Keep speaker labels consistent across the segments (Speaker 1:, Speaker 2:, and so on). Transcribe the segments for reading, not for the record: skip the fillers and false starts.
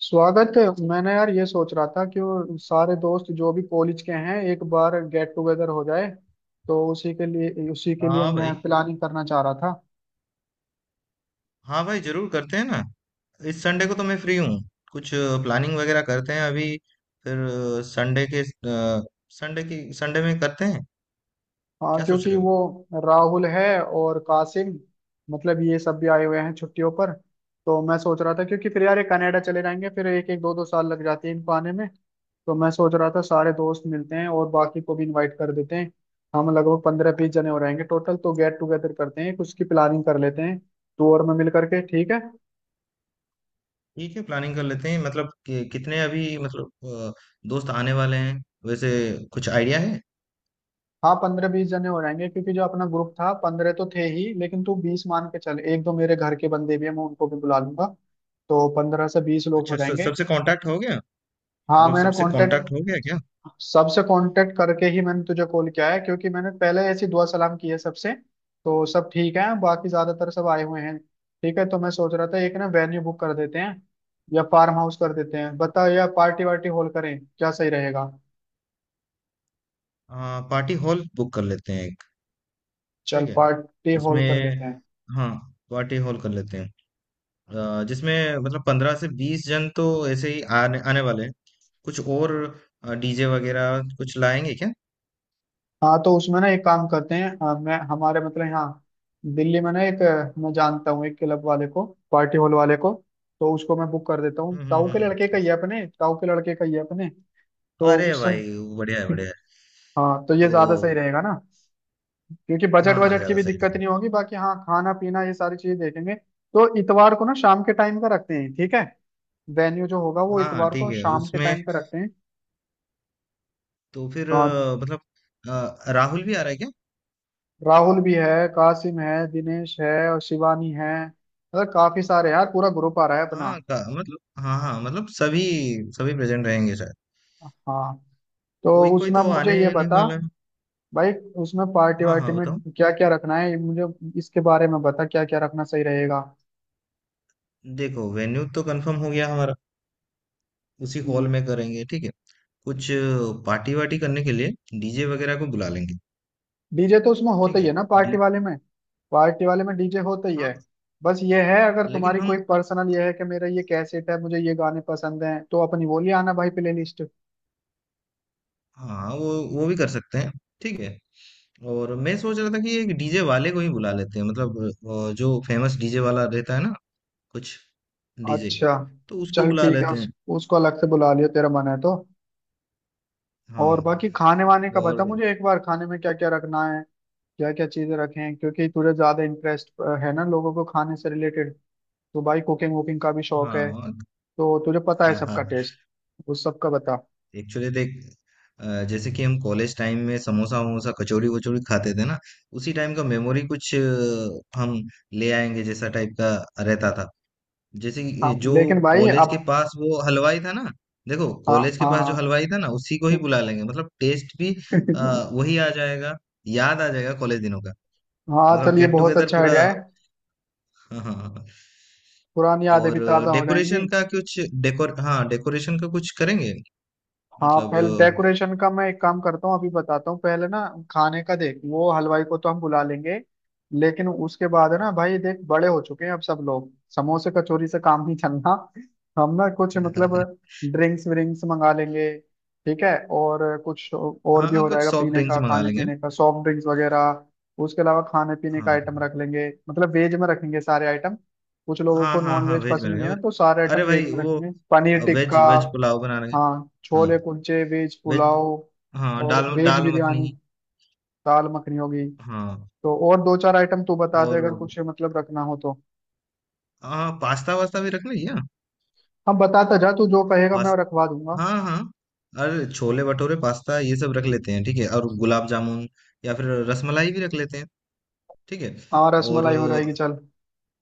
Speaker 1: स्वागत है। मैंने यार ये सोच रहा था कि वो सारे दोस्त जो भी कॉलेज के हैं एक बार गेट टुगेदर हो जाए। तो उसी के लिए
Speaker 2: हाँ
Speaker 1: मैं
Speaker 2: भाई।
Speaker 1: प्लानिंग करना चाह रहा था।
Speaker 2: हाँ भाई, जरूर करते हैं ना। इस संडे को तो मैं फ्री हूँ। कुछ प्लानिंग वगैरह करते हैं अभी। फिर संडे के संडे की संडे में करते हैं।
Speaker 1: हाँ,
Speaker 2: क्या सोच
Speaker 1: क्योंकि
Speaker 2: रहे हो?
Speaker 1: वो राहुल है और कासिम, मतलब ये सब भी आए हुए हैं छुट्टियों पर। तो मैं सोच रहा था क्योंकि फिर यार ये कनाडा चले जाएंगे, फिर एक एक दो दो साल लग जाते हैं इनको आने में। तो मैं सोच रहा था सारे दोस्त मिलते हैं और बाकी को भी इनवाइट कर देते हैं। हम लगभग 15-20 जने हो रहेंगे टोटल, तो गेट टुगेदर करते हैं, कुछ की प्लानिंग कर लेते हैं। टूर में मिल करके, ठीक है।
Speaker 2: ठीक है, प्लानिंग कर लेते हैं। मतलब कितने अभी मतलब दोस्त आने वाले हैं वैसे? कुछ आइडिया है?
Speaker 1: हाँ, 15-20 जने हो रहेंगे क्योंकि जो अपना ग्रुप था 15 तो थे ही, लेकिन तू 20 मान के चल। एक दो मेरे घर के बंदे भी हैं, मैं उनको भी बुला लूंगा। तो 15 से 20 लोग हो
Speaker 2: अच्छा,
Speaker 1: जाएंगे।
Speaker 2: सबसे कांटेक्ट हो गया?
Speaker 1: हाँ,
Speaker 2: मतलब
Speaker 1: मैंने
Speaker 2: सबसे कांटेक्ट हो
Speaker 1: कांटेक्ट,
Speaker 2: गया क्या?
Speaker 1: सबसे कांटेक्ट करके ही मैंने तुझे कॉल किया है क्योंकि मैंने पहले ऐसी दुआ सलाम की है सबसे। तो सब ठीक है, बाकी ज्यादातर सब आए हुए हैं, ठीक है। तो मैं सोच रहा था एक ना वेन्यू बुक कर देते हैं, या फार्म हाउस कर देते हैं बता, या पार्टी वार्टी हॉल करें, क्या सही रहेगा।
Speaker 2: पार्टी हॉल बुक कर लेते हैं एक।
Speaker 1: चल,
Speaker 2: ठीक है
Speaker 1: पार्टी हॉल
Speaker 2: उसमें।
Speaker 1: कर लेते हैं।
Speaker 2: हाँ, पार्टी हॉल कर लेते हैं। जिसमें मतलब 15 से 20 जन तो ऐसे ही आने आने वाले हैं। कुछ और? डीजे वगैरह कुछ लाएंगे क्या?
Speaker 1: हाँ, तो उसमें ना एक काम करते हैं, मैं हमारे मतलब यहाँ दिल्ली में ना एक, मैं जानता हूँ एक क्लब वाले को, पार्टी हॉल वाले को। तो उसको मैं बुक कर देता हूँ।
Speaker 2: हम्म। हम्म।
Speaker 1: ताऊ के लड़के
Speaker 2: हम्म।
Speaker 1: का ये अपने ताऊ के लड़के का ये अपने तो
Speaker 2: अरे
Speaker 1: उस
Speaker 2: भाई,
Speaker 1: समय
Speaker 2: बढ़िया है। बढ़िया है।
Speaker 1: हाँ, तो ये
Speaker 2: तो
Speaker 1: ज्यादा सही रहेगा ना, क्योंकि बजट
Speaker 2: हाँ हाँ,
Speaker 1: वजट की
Speaker 2: ज्यादा
Speaker 1: भी
Speaker 2: सही
Speaker 1: दिक्कत
Speaker 2: है।
Speaker 1: नहीं होगी। बाकी हाँ, खाना पीना ये सारी चीजें देखेंगे। तो इतवार को ना शाम के टाइम का रखते हैं, ठीक है। वेन्यू जो होगा वो
Speaker 2: हाँ हाँ,
Speaker 1: इतवार को
Speaker 2: ठीक है
Speaker 1: शाम के
Speaker 2: उसमें।
Speaker 1: टाइम का रखते
Speaker 2: तो फिर
Speaker 1: हैं।
Speaker 2: मतलब राहुल भी आ रहा है क्या?
Speaker 1: राहुल भी है, कासिम है, दिनेश है और शिवानी है, मतलब काफी सारे यार, पूरा ग्रुप आ रहा है अपना।
Speaker 2: हाँ का मतलब, हाँ हाँ मतलब सभी, सभी प्रेजेंट रहेंगे शायद।
Speaker 1: हाँ, तो
Speaker 2: कोई कोई
Speaker 1: उसमें अब
Speaker 2: तो
Speaker 1: मुझे
Speaker 2: आने
Speaker 1: ये
Speaker 2: नहीं
Speaker 1: बता
Speaker 2: वाला है।
Speaker 1: भाई, उसमें पार्टी
Speaker 2: हाँ
Speaker 1: वार्टी
Speaker 2: हाँ,
Speaker 1: में
Speaker 2: बताओ।
Speaker 1: क्या क्या रखना है, ये मुझे इसके बारे में बता क्या क्या रखना सही रहेगा।
Speaker 2: देखो, वेन्यू तो कंफर्म हो गया हमारा। उसी हॉल में करेंगे ठीक है। कुछ पार्टी वार्टी करने के लिए डीजे वगैरह को बुला लेंगे।
Speaker 1: डीजे तो उसमें होता
Speaker 2: ठीक
Speaker 1: ही है
Speaker 2: है।
Speaker 1: ना पार्टी
Speaker 2: डी
Speaker 1: वाले में, पार्टी वाले में डीजे होता ही है।
Speaker 2: हाँ,
Speaker 1: बस ये है, अगर
Speaker 2: लेकिन
Speaker 1: तुम्हारी
Speaker 2: हम।
Speaker 1: कोई पर्सनल ये है कि मेरा ये कैसेट है, मुझे ये गाने पसंद हैं, तो अपनी वो ले आना भाई, प्लेलिस्ट।
Speaker 2: हाँ, वो भी कर सकते हैं। ठीक है। और मैं सोच रहा था कि एक डीजे वाले को ही बुला लेते हैं, मतलब जो फेमस डीजे वाला रहता है ना, कुछ डीजे।
Speaker 1: अच्छा,
Speaker 2: तो उसको
Speaker 1: चल
Speaker 2: बुला
Speaker 1: ठीक है,
Speaker 2: लेते हैं।
Speaker 1: उसको अलग से बुला लियो, तेरा मन है तो।
Speaker 2: हाँ।
Speaker 1: और बाकी खाने वाने का बता
Speaker 2: और
Speaker 1: मुझे एक बार, खाने में क्या क्या रखना है, क्या क्या चीजें रखें, क्योंकि तुझे ज्यादा इंटरेस्ट है ना लोगों को खाने से रिलेटेड। तो भाई कुकिंग वुकिंग का भी शौक है,
Speaker 2: हाँ
Speaker 1: तो तुझे पता है
Speaker 2: हाँ हाँ।
Speaker 1: सबका टेस्ट, उस सबका बता।
Speaker 2: एक्चुअली देख, जैसे कि हम कॉलेज टाइम में समोसा वमोसा कचौड़ी वचौड़ी खाते थे ना, उसी टाइम का मेमोरी कुछ हम ले आएंगे जैसा टाइप का रहता था। जैसे कि ये
Speaker 1: हाँ
Speaker 2: जो
Speaker 1: लेकिन भाई
Speaker 2: कॉलेज
Speaker 1: अब,
Speaker 2: के पास वो हलवाई था ना, देखो
Speaker 1: हाँ
Speaker 2: कॉलेज के
Speaker 1: हाँ
Speaker 2: पास जो
Speaker 1: हाँ।
Speaker 2: हलवाई था ना, उसी को ही बुला लेंगे, मतलब टेस्ट भी वही आ जाएगा, याद आ जाएगा कॉलेज दिनों का।
Speaker 1: हाँ
Speaker 2: मतलब
Speaker 1: चल, ये
Speaker 2: गेट
Speaker 1: बहुत
Speaker 2: टुगेदर
Speaker 1: अच्छा
Speaker 2: पूरा।
Speaker 1: आइडिया है,
Speaker 2: हाँ हाँ हाँ। हाँ।
Speaker 1: पुरानी यादें
Speaker 2: और
Speaker 1: भी ताजा हो जाएंगी।
Speaker 2: डेकोरेशन का कुछ, डेकोर हाँ, डेकोरेशन का कुछ करेंगे
Speaker 1: हाँ,
Speaker 2: मतलब।
Speaker 1: पहले डेकोरेशन का मैं एक काम करता हूँ, अभी बताता हूँ पहले ना। खाने का देख, वो हलवाई को तो हम बुला लेंगे, लेकिन उसके बाद है ना भाई, देख बड़े हो चुके हैं अब सब लोग, समोसे कचौरी से काम नहीं चलना। हम ना कुछ
Speaker 2: अ,
Speaker 1: मतलब ड्रिंक्स विंक्स मंगा लेंगे, ठीक है, और कुछ और भी
Speaker 2: हाँ,
Speaker 1: हो
Speaker 2: कुछ
Speaker 1: जाएगा
Speaker 2: सॉफ्ट
Speaker 1: पीने
Speaker 2: ड्रिंक्स
Speaker 1: का,
Speaker 2: मंगा
Speaker 1: खाने
Speaker 2: लेंगे।
Speaker 1: पीने का सॉफ्ट ड्रिंक्स वगैरह। उसके अलावा खाने पीने का
Speaker 2: हाँ
Speaker 1: आइटम रख लेंगे, मतलब वेज में रखेंगे सारे आइटम। कुछ लोगों
Speaker 2: हाँ
Speaker 1: को
Speaker 2: हाँ।
Speaker 1: नॉन
Speaker 2: हाँ,
Speaker 1: वेज
Speaker 2: वेज में
Speaker 1: पसंद नहीं है
Speaker 2: रहेगा।
Speaker 1: ना, तो सारे आइटम
Speaker 2: अरे
Speaker 1: वेज
Speaker 2: भाई,
Speaker 1: में
Speaker 2: वो
Speaker 1: रखेंगे, पनीर
Speaker 2: वेज
Speaker 1: टिक्का,
Speaker 2: वेज पुलाव बना लेंगे।
Speaker 1: हाँ
Speaker 2: हाँ
Speaker 1: छोले कुलचे, वेज
Speaker 2: वेज।
Speaker 1: पुलाव
Speaker 2: हाँ,
Speaker 1: और
Speaker 2: दाल
Speaker 1: वेज
Speaker 2: दाल मखनी।
Speaker 1: बिरयानी, दाल मखनी होगी।
Speaker 2: हाँ
Speaker 1: तो और दो चार आइटम तू बता दे
Speaker 2: और।
Speaker 1: अगर कुछ मतलब रखना हो तो।
Speaker 2: हाँ, पास्ता वास्ता भी रख लें क्या?
Speaker 1: हाँ बताता जा, तू जो कहेगा मैं
Speaker 2: पास्ता,
Speaker 1: रखवा दूंगा।
Speaker 2: हाँ हाँ। अरे, छोले भटूरे पास्ता ये सब रख लेते हैं, ठीक है, और गुलाब जामुन या फिर रसमलाई भी रख लेते हैं। ठीक है।
Speaker 1: हाँ
Speaker 2: और
Speaker 1: रसमलाई हो जाएगी, चल।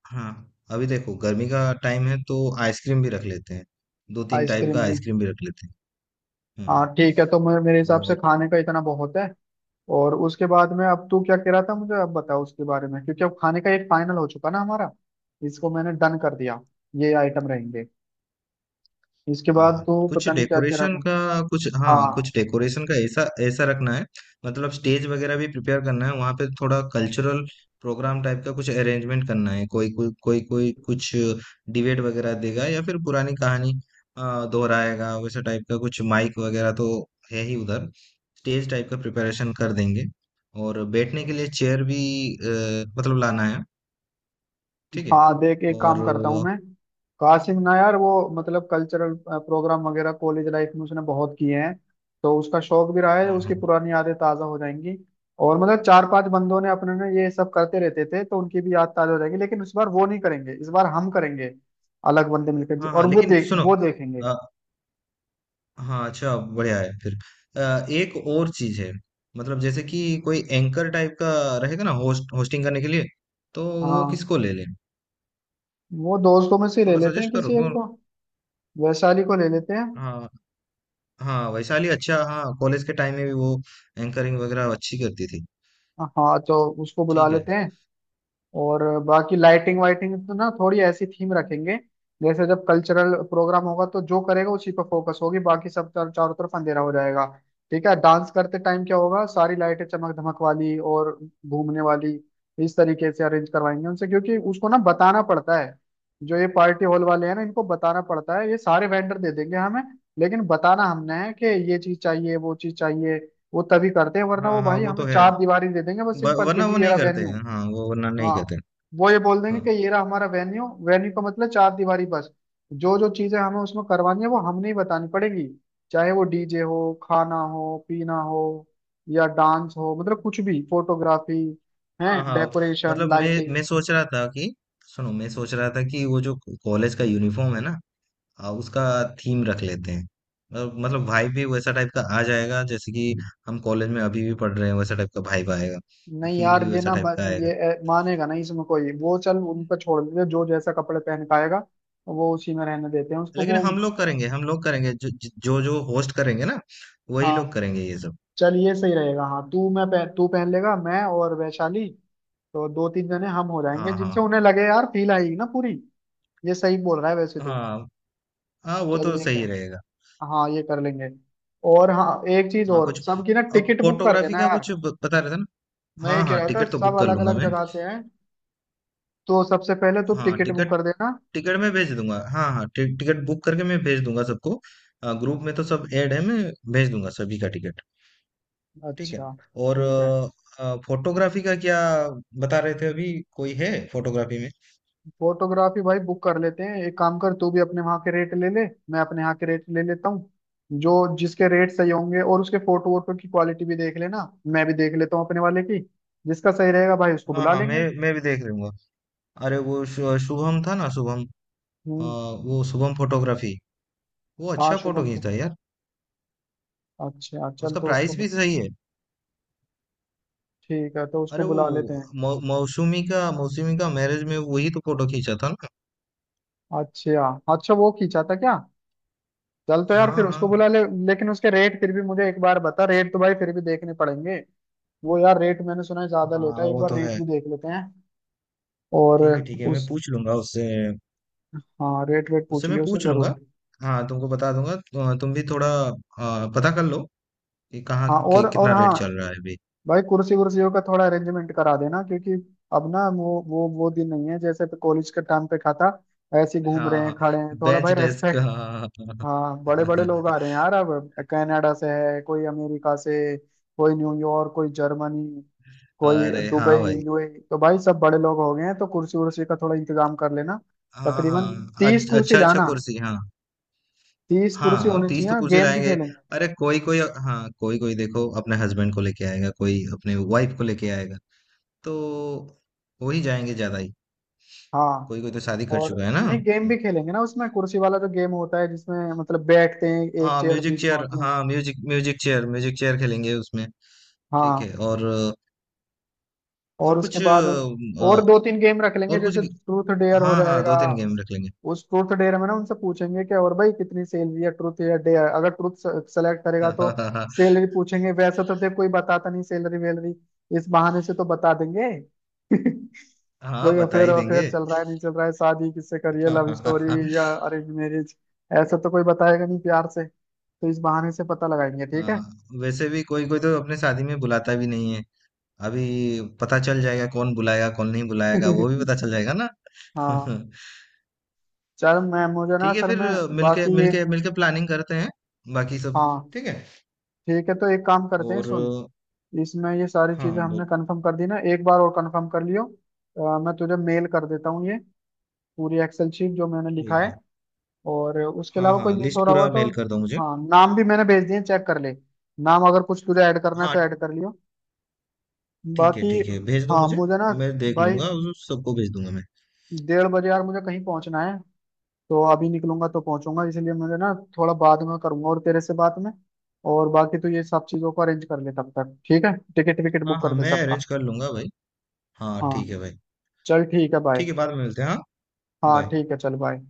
Speaker 2: हाँ, अभी देखो गर्मी का टाइम है तो आइसक्रीम भी रख लेते हैं। दो तीन टाइप
Speaker 1: आइसक्रीम
Speaker 2: का
Speaker 1: भी,
Speaker 2: आइसक्रीम भी रख लेते हैं।
Speaker 1: हाँ ठीक है। तो मैं मेरे हिसाब से
Speaker 2: हम्म।
Speaker 1: खाने का इतना बहुत है। और उसके बाद में अब तू क्या कह रहा था, मुझे अब बताओ उसके बारे में, क्योंकि अब खाने का एक फाइनल हो चुका ना हमारा, इसको मैंने डन कर दिया, ये आइटम रहेंगे। इसके बाद
Speaker 2: हाँ,
Speaker 1: तो
Speaker 2: कुछ
Speaker 1: पता नहीं क्या कह रहा
Speaker 2: डेकोरेशन
Speaker 1: था।
Speaker 2: का कुछ, हाँ,
Speaker 1: हाँ
Speaker 2: कुछ डेकोरेशन का ऐसा, ऐसा रखना है। मतलब स्टेज वगैरह भी प्रिपेयर करना है वहाँ पे, थोड़ा कल्चरल प्रोग्राम टाइप का कुछ अरेंजमेंट करना है। कोई कोई कुछ डिबेट वगैरह देगा या फिर पुरानी कहानी दोहराएगा वैसे टाइप का। कुछ माइक वगैरह तो है ही उधर। स्टेज टाइप का प्रिपरेशन कर देंगे। और बैठने के लिए चेयर भी मतलब लाना है। ठीक है।
Speaker 1: हाँ, देख एक काम
Speaker 2: और
Speaker 1: करता हूँ मैं। कासिम ना यार, वो मतलब कल्चरल प्रोग्राम वगैरह कॉलेज लाइफ में उसने बहुत किए हैं, तो उसका शौक भी रहा है,
Speaker 2: हाँ
Speaker 1: उसकी
Speaker 2: हाँ
Speaker 1: पुरानी यादें ताज़ा हो जाएंगी। और मतलब चार पांच बंदों ने अपने ना ये सब करते रहते थे, तो उनकी भी याद ताज़ा हो जाएगी। लेकिन इस बार वो नहीं करेंगे, इस बार हम करेंगे, अलग बंदे मिलकर,
Speaker 2: हाँ
Speaker 1: और
Speaker 2: हाँ,
Speaker 1: वो
Speaker 2: लेकिन
Speaker 1: देख
Speaker 2: सुनो,
Speaker 1: वो देखेंगे।
Speaker 2: हाँ, अच्छा बढ़िया है फिर। एक और चीज़ है। मतलब जैसे कि कोई एंकर टाइप का रहेगा ना होस्टिंग करने के लिए, तो वो
Speaker 1: हाँ,
Speaker 2: किसको ले लें?
Speaker 1: वो दोस्तों में से ले
Speaker 2: थोड़ा
Speaker 1: लेते हैं
Speaker 2: सजेस्ट करो,
Speaker 1: किसी एक
Speaker 2: कौन?
Speaker 1: को। वैशाली को ले लेते हैं।
Speaker 2: हाँ, हाँ, वैशाली अच्छा। हाँ, कॉलेज के टाइम में भी वो एंकरिंग वगैरह अच्छी करती थी।
Speaker 1: हाँ तो उसको बुला
Speaker 2: ठीक है।
Speaker 1: लेते हैं। और बाकी लाइटिंग वाइटिंग तो ना थोड़ी ऐसी थीम रखेंगे, जैसे जब कल्चरल प्रोग्राम होगा तो जो करेगा उसी पर फोकस होगी, बाकी सब चारों तरफ अंधेरा हो जाएगा, ठीक है। डांस करते टाइम क्या होगा, सारी लाइटें चमक धमक वाली और घूमने वाली, इस तरीके से अरेंज करवाएंगे उनसे, क्योंकि उसको ना बताना पड़ता है। जो ये पार्टी हॉल वाले हैं ना, इनको बताना पड़ता है, ये सारे वेंडर दे देंगे हमें, लेकिन बताना हमने है कि ये चीज चाहिए वो चीज चाहिए। वो तभी करते हैं, वरना
Speaker 2: हाँ,
Speaker 1: वो
Speaker 2: हाँ,
Speaker 1: भाई
Speaker 2: वो
Speaker 1: हमें
Speaker 2: तो है।
Speaker 1: चार दीवारी दे देंगे, बस
Speaker 2: व
Speaker 1: सिंपल के
Speaker 2: वरना
Speaker 1: जी
Speaker 2: वो
Speaker 1: ये
Speaker 2: नहीं
Speaker 1: रहा
Speaker 2: करते
Speaker 1: वेन्यू।
Speaker 2: हैं। हाँ, वो वरना नहीं
Speaker 1: हाँ,
Speaker 2: करते हैं।
Speaker 1: वो ये बोल देंगे कि
Speaker 2: हाँ।
Speaker 1: ये रहा हमारा वेन्यू, वेन्यू का मतलब चार दीवारी बस। जो जो चीजें हमें उसमें करवानी है वो हमने ही बतानी पड़ेगी, चाहे वो डीजे हो, खाना हो, पीना हो, या डांस हो, मतलब कुछ भी, फोटोग्राफी है,
Speaker 2: हाँ, हाँ,
Speaker 1: डेकोरेशन,
Speaker 2: मतलब मैं
Speaker 1: लाइटिंग।
Speaker 2: मैं सोच रहा था कि सुनो, मैं सोच रहा था कि वो जो कॉलेज का यूनिफ़ॉर्म है ना, उसका थीम रख लेते हैं। मतलब वाइब भी वैसा टाइप का आ जाएगा, जैसे कि हम कॉलेज में अभी भी पढ़ रहे हैं वैसा टाइप का वाइब आएगा।
Speaker 1: नहीं
Speaker 2: फील
Speaker 1: यार
Speaker 2: भी
Speaker 1: ये
Speaker 2: वैसा
Speaker 1: ना
Speaker 2: टाइप का आएगा।
Speaker 1: ये मानेगा नहीं इसमें कोई वो, चल उन पर छोड़ देते हैं, जो जैसा कपड़े पहन के आएगा वो उसी में रहने देते हैं, उसको
Speaker 2: लेकिन
Speaker 1: वो।
Speaker 2: हम लोग करेंगे जो जो जो होस्ट करेंगे ना, वही लोग
Speaker 1: हाँ
Speaker 2: करेंगे ये सब।
Speaker 1: चल, ये सही रहेगा। हाँ, तू, तू पहन लेगा, मैं और वैशाली, तो दो तीन जने हम हो जाएंगे
Speaker 2: हाँ हाँ
Speaker 1: जिनसे उन्हें लगे यार फील आएगी ना पूरी। ये सही बोल रहा है वैसे तो।
Speaker 2: हाँ। हाँ, वो
Speaker 1: चल
Speaker 2: तो
Speaker 1: ये
Speaker 2: सही
Speaker 1: कर,
Speaker 2: रहेगा।
Speaker 1: हाँ ये कर लेंगे। और हाँ एक चीज
Speaker 2: हाँ
Speaker 1: और,
Speaker 2: कुछ।
Speaker 1: सबकी ना
Speaker 2: अब
Speaker 1: टिकट बुक कर
Speaker 2: फोटोग्राफी
Speaker 1: देना
Speaker 2: का
Speaker 1: यार।
Speaker 2: कुछ बता रहे थे ना?
Speaker 1: मैं ये
Speaker 2: हाँ
Speaker 1: कह
Speaker 2: हाँ,
Speaker 1: रहा था
Speaker 2: टिकट तो बुक
Speaker 1: सब
Speaker 2: कर
Speaker 1: अलग
Speaker 2: लूंगा
Speaker 1: अलग
Speaker 2: मैं।
Speaker 1: जगह से हैं, तो सबसे पहले तुम
Speaker 2: हाँ,
Speaker 1: टिकट बुक
Speaker 2: टिकट,
Speaker 1: कर देना।
Speaker 2: टिकट मैं भेज दूंगा। हाँ हाँ, टिकट बुक करके मैं भेज दूंगा सबको। ग्रुप में तो सब ऐड है, मैं भेज दूंगा सभी का टिकट। ठीक है।
Speaker 1: अच्छा,
Speaker 2: और
Speaker 1: ठीक है।
Speaker 2: फोटोग्राफी का क्या बता रहे थे? अभी कोई है फोटोग्राफी में?
Speaker 1: फोटोग्राफी भाई बुक कर लेते हैं। एक काम कर, तू भी अपने वहाँ के रेट ले ले, मैं अपने यहाँ के रेट ले लेता हूँ। जो जिसके रेट सही होंगे, और उसके फोटो वोटो की क्वालिटी भी देख लेना, मैं भी देख लेता हूँ अपने वाले की। जिसका सही रहेगा भाई उसको
Speaker 2: हाँ
Speaker 1: बुला
Speaker 2: हाँ, मैं
Speaker 1: लेंगे।
Speaker 2: मैं भी देख लूंगा। अरे वो शुभम था ना, शुभम। अ,
Speaker 1: हम्म,
Speaker 2: वो शुभम फोटोग्राफी, वो
Speaker 1: हाँ
Speaker 2: अच्छा फोटो
Speaker 1: शुभम को।
Speaker 2: खींचता है यार।
Speaker 1: अच्छा चल
Speaker 2: उसका
Speaker 1: तो
Speaker 2: प्राइस भी सही है।
Speaker 1: ठीक है, तो उसको
Speaker 2: अरे वो
Speaker 1: बुला लेते हैं।
Speaker 2: मौसमी का मैरिज में वही तो फोटो खींचा था ना।
Speaker 1: अच्छा, अच्छा वो खींचा था क्या। चल तो यार
Speaker 2: हाँ
Speaker 1: फिर उसको
Speaker 2: हाँ
Speaker 1: बुला ले। लेकिन उसके रेट फिर भी मुझे एक बार बता, रेट तो भाई फिर भी देखने पड़ेंगे। वो यार रेट मैंने सुना है ज्यादा लेता
Speaker 2: हाँ,
Speaker 1: है, एक
Speaker 2: वो
Speaker 1: बार
Speaker 2: तो
Speaker 1: रेट
Speaker 2: है।
Speaker 1: भी देख लेते हैं। और
Speaker 2: ठीक है ठीक है, मैं
Speaker 1: उस,
Speaker 2: पूछ लूंगा उससे।
Speaker 1: हाँ रेट वेट पूछ
Speaker 2: उससे मैं
Speaker 1: लियो उससे
Speaker 2: पूछ
Speaker 1: जरूर।
Speaker 2: लूंगा। हाँ तुमको बता दूंगा। तुम भी थोड़ा पता कर लो कि
Speaker 1: हाँ, और
Speaker 2: कितना रेट
Speaker 1: हाँ
Speaker 2: चल रहा है अभी।
Speaker 1: भाई कुर्सी वुर्सियों का थोड़ा अरेंजमेंट करा देना, क्योंकि अब ना वो दिन नहीं है जैसे कॉलेज के टाइम पे, खाता ऐसे ही घूम
Speaker 2: हाँ
Speaker 1: रहे हैं
Speaker 2: हाँ,
Speaker 1: खड़े हैं, थोड़ा
Speaker 2: बेंच
Speaker 1: भाई
Speaker 2: डेस्क।
Speaker 1: रेस्पेक्ट।
Speaker 2: हाँ हाँ हाँ
Speaker 1: हाँ
Speaker 2: हाँ।
Speaker 1: बड़े बड़े लोग आ रहे हैं यार अब, कनाडा से है कोई, अमेरिका से कोई, न्यूयॉर्क, कोई जर्मनी, कोई
Speaker 2: अरे
Speaker 1: दुबई,
Speaker 2: हाँ भाई।
Speaker 1: यूएई। तो भाई सब बड़े लोग हो गए हैं, तो कुर्सी उर्सी का थोड़ा इंतजाम कर लेना।
Speaker 2: हाँ
Speaker 1: तकरीबन
Speaker 2: हाँ,
Speaker 1: 30 कुर्सी
Speaker 2: अच्छा अच्छा,
Speaker 1: लाना,
Speaker 2: कुर्सी हाँ।
Speaker 1: 30 कुर्सी
Speaker 2: हाँ,
Speaker 1: होनी
Speaker 2: 30
Speaker 1: चाहिए,
Speaker 2: तो कुर्सी
Speaker 1: गेम भी
Speaker 2: लाएंगे।
Speaker 1: खेलेंगे।
Speaker 2: अरे कोई कोई, हाँ, कोई कोई देखो, अपने हस्बैंड को लेके आएगा, कोई अपने वाइफ को लेके आएगा, तो वो ही जाएंगे ज्यादा ही।
Speaker 1: हाँ
Speaker 2: कोई कोई तो शादी कर
Speaker 1: और
Speaker 2: चुका है ना।
Speaker 1: नहीं गेम
Speaker 2: हम्म।
Speaker 1: भी खेलेंगे ना, उसमें कुर्सी वाला जो गेम होता है, जिसमें मतलब बैठते हैं, एक
Speaker 2: हाँ
Speaker 1: चेयर
Speaker 2: म्यूजिक
Speaker 1: बीच में
Speaker 2: चेयर,
Speaker 1: होती है।
Speaker 2: हाँ म्यूजिक म्यूजिक चेयर खेलेंगे उसमें। ठीक है।
Speaker 1: हाँ, और
Speaker 2: और
Speaker 1: उसके
Speaker 2: कुछ
Speaker 1: बाद और दो तीन गेम रख लेंगे,
Speaker 2: और कुछ,
Speaker 1: जैसे ट्रूथ डेयर हो
Speaker 2: हाँ हाँ,
Speaker 1: जाएगा।
Speaker 2: दो तीन गेम रख
Speaker 1: उस ट्रूथ डेयर में ना उनसे पूछेंगे कि और भाई कितनी सैलरी है, ट्रूथ या डेयर, अगर ट्रूथ सेलेक्ट करेगा तो
Speaker 2: लेंगे।
Speaker 1: सैलरी पूछेंगे। वैसे तो देख कोई बताता नहीं सैलरी वैलरी, इस बहाने से तो बता देंगे।
Speaker 2: हाँ,
Speaker 1: कोई
Speaker 2: बता
Speaker 1: अफेयर
Speaker 2: ही
Speaker 1: अफेयर
Speaker 2: देंगे।
Speaker 1: चल रहा है नहीं चल रहा है, शादी किससे करी है, लव स्टोरी
Speaker 2: हाँ,
Speaker 1: या अरेंज मैरिज, ऐसा तो कोई बताएगा नहीं प्यार से, तो इस बहाने से पता लगाएंगे, ठीक है।
Speaker 2: वैसे भी कोई कोई तो अपने शादी में बुलाता भी नहीं है अभी। पता चल जाएगा कौन बुलाएगा, कौन नहीं बुलाएगा, वो भी पता चल जाएगा ना।
Speaker 1: हाँ, चल मैं मुझे ना
Speaker 2: ठीक है
Speaker 1: असल
Speaker 2: फिर।
Speaker 1: में
Speaker 2: मिलके
Speaker 1: बाकी ये,
Speaker 2: मिलके मिलके प्लानिंग करते हैं बाकी सब।
Speaker 1: हाँ
Speaker 2: ठीक है।
Speaker 1: ठीक है तो एक काम करते हैं सुन,
Speaker 2: और
Speaker 1: इसमें ये सारी
Speaker 2: हाँ,
Speaker 1: चीजें
Speaker 2: बोल।
Speaker 1: हमने कंफर्म कर दी ना, एक बार और कंफर्म कर लियो। मैं तुझे मेल कर देता हूँ ये पूरी एक्सेल शीट जो मैंने लिखा
Speaker 2: ठीक
Speaker 1: है,
Speaker 2: है।
Speaker 1: और उसके
Speaker 2: हाँ
Speaker 1: अलावा कोई
Speaker 2: हाँ,
Speaker 1: मिस हो
Speaker 2: लिस्ट
Speaker 1: रहा हुआ
Speaker 2: पूरा
Speaker 1: तो।
Speaker 2: मेल कर दो मुझे।
Speaker 1: हाँ, नाम भी मैंने भेज दिए, चेक कर ले, नाम अगर कुछ तुझे ऐड करना है
Speaker 2: हाँ
Speaker 1: तो ऐड कर लियो,
Speaker 2: ठीक है,
Speaker 1: बाकी
Speaker 2: ठीक है भेज दो
Speaker 1: हाँ,
Speaker 2: मुझे।
Speaker 1: मुझे ना
Speaker 2: मैं देख
Speaker 1: भाई
Speaker 2: लूंगा, उस सबको भेज दूंगा मैं।
Speaker 1: 1:30 बजे यार मुझे कहीं पहुंचना है, तो अभी निकलूंगा तो पहुंचूंगा, इसलिए मुझे ना थोड़ा बाद में करूंगा और तेरे से बात में। और बाकी तो ये सब चीजों को अरेंज कर ले तब तक, ठीक है, टिकट विकेट
Speaker 2: हाँ
Speaker 1: बुक
Speaker 2: हाँ,
Speaker 1: कर दे
Speaker 2: मैं अरेंज
Speaker 1: सबका।
Speaker 2: कर लूंगा भाई। हाँ ठीक है
Speaker 1: हाँ,
Speaker 2: भाई।
Speaker 1: चल ठीक है भाई।
Speaker 2: ठीक है, बाद में मिलते हैं, हाँ।
Speaker 1: हाँ
Speaker 2: बाय।
Speaker 1: ठीक है, चल बाय।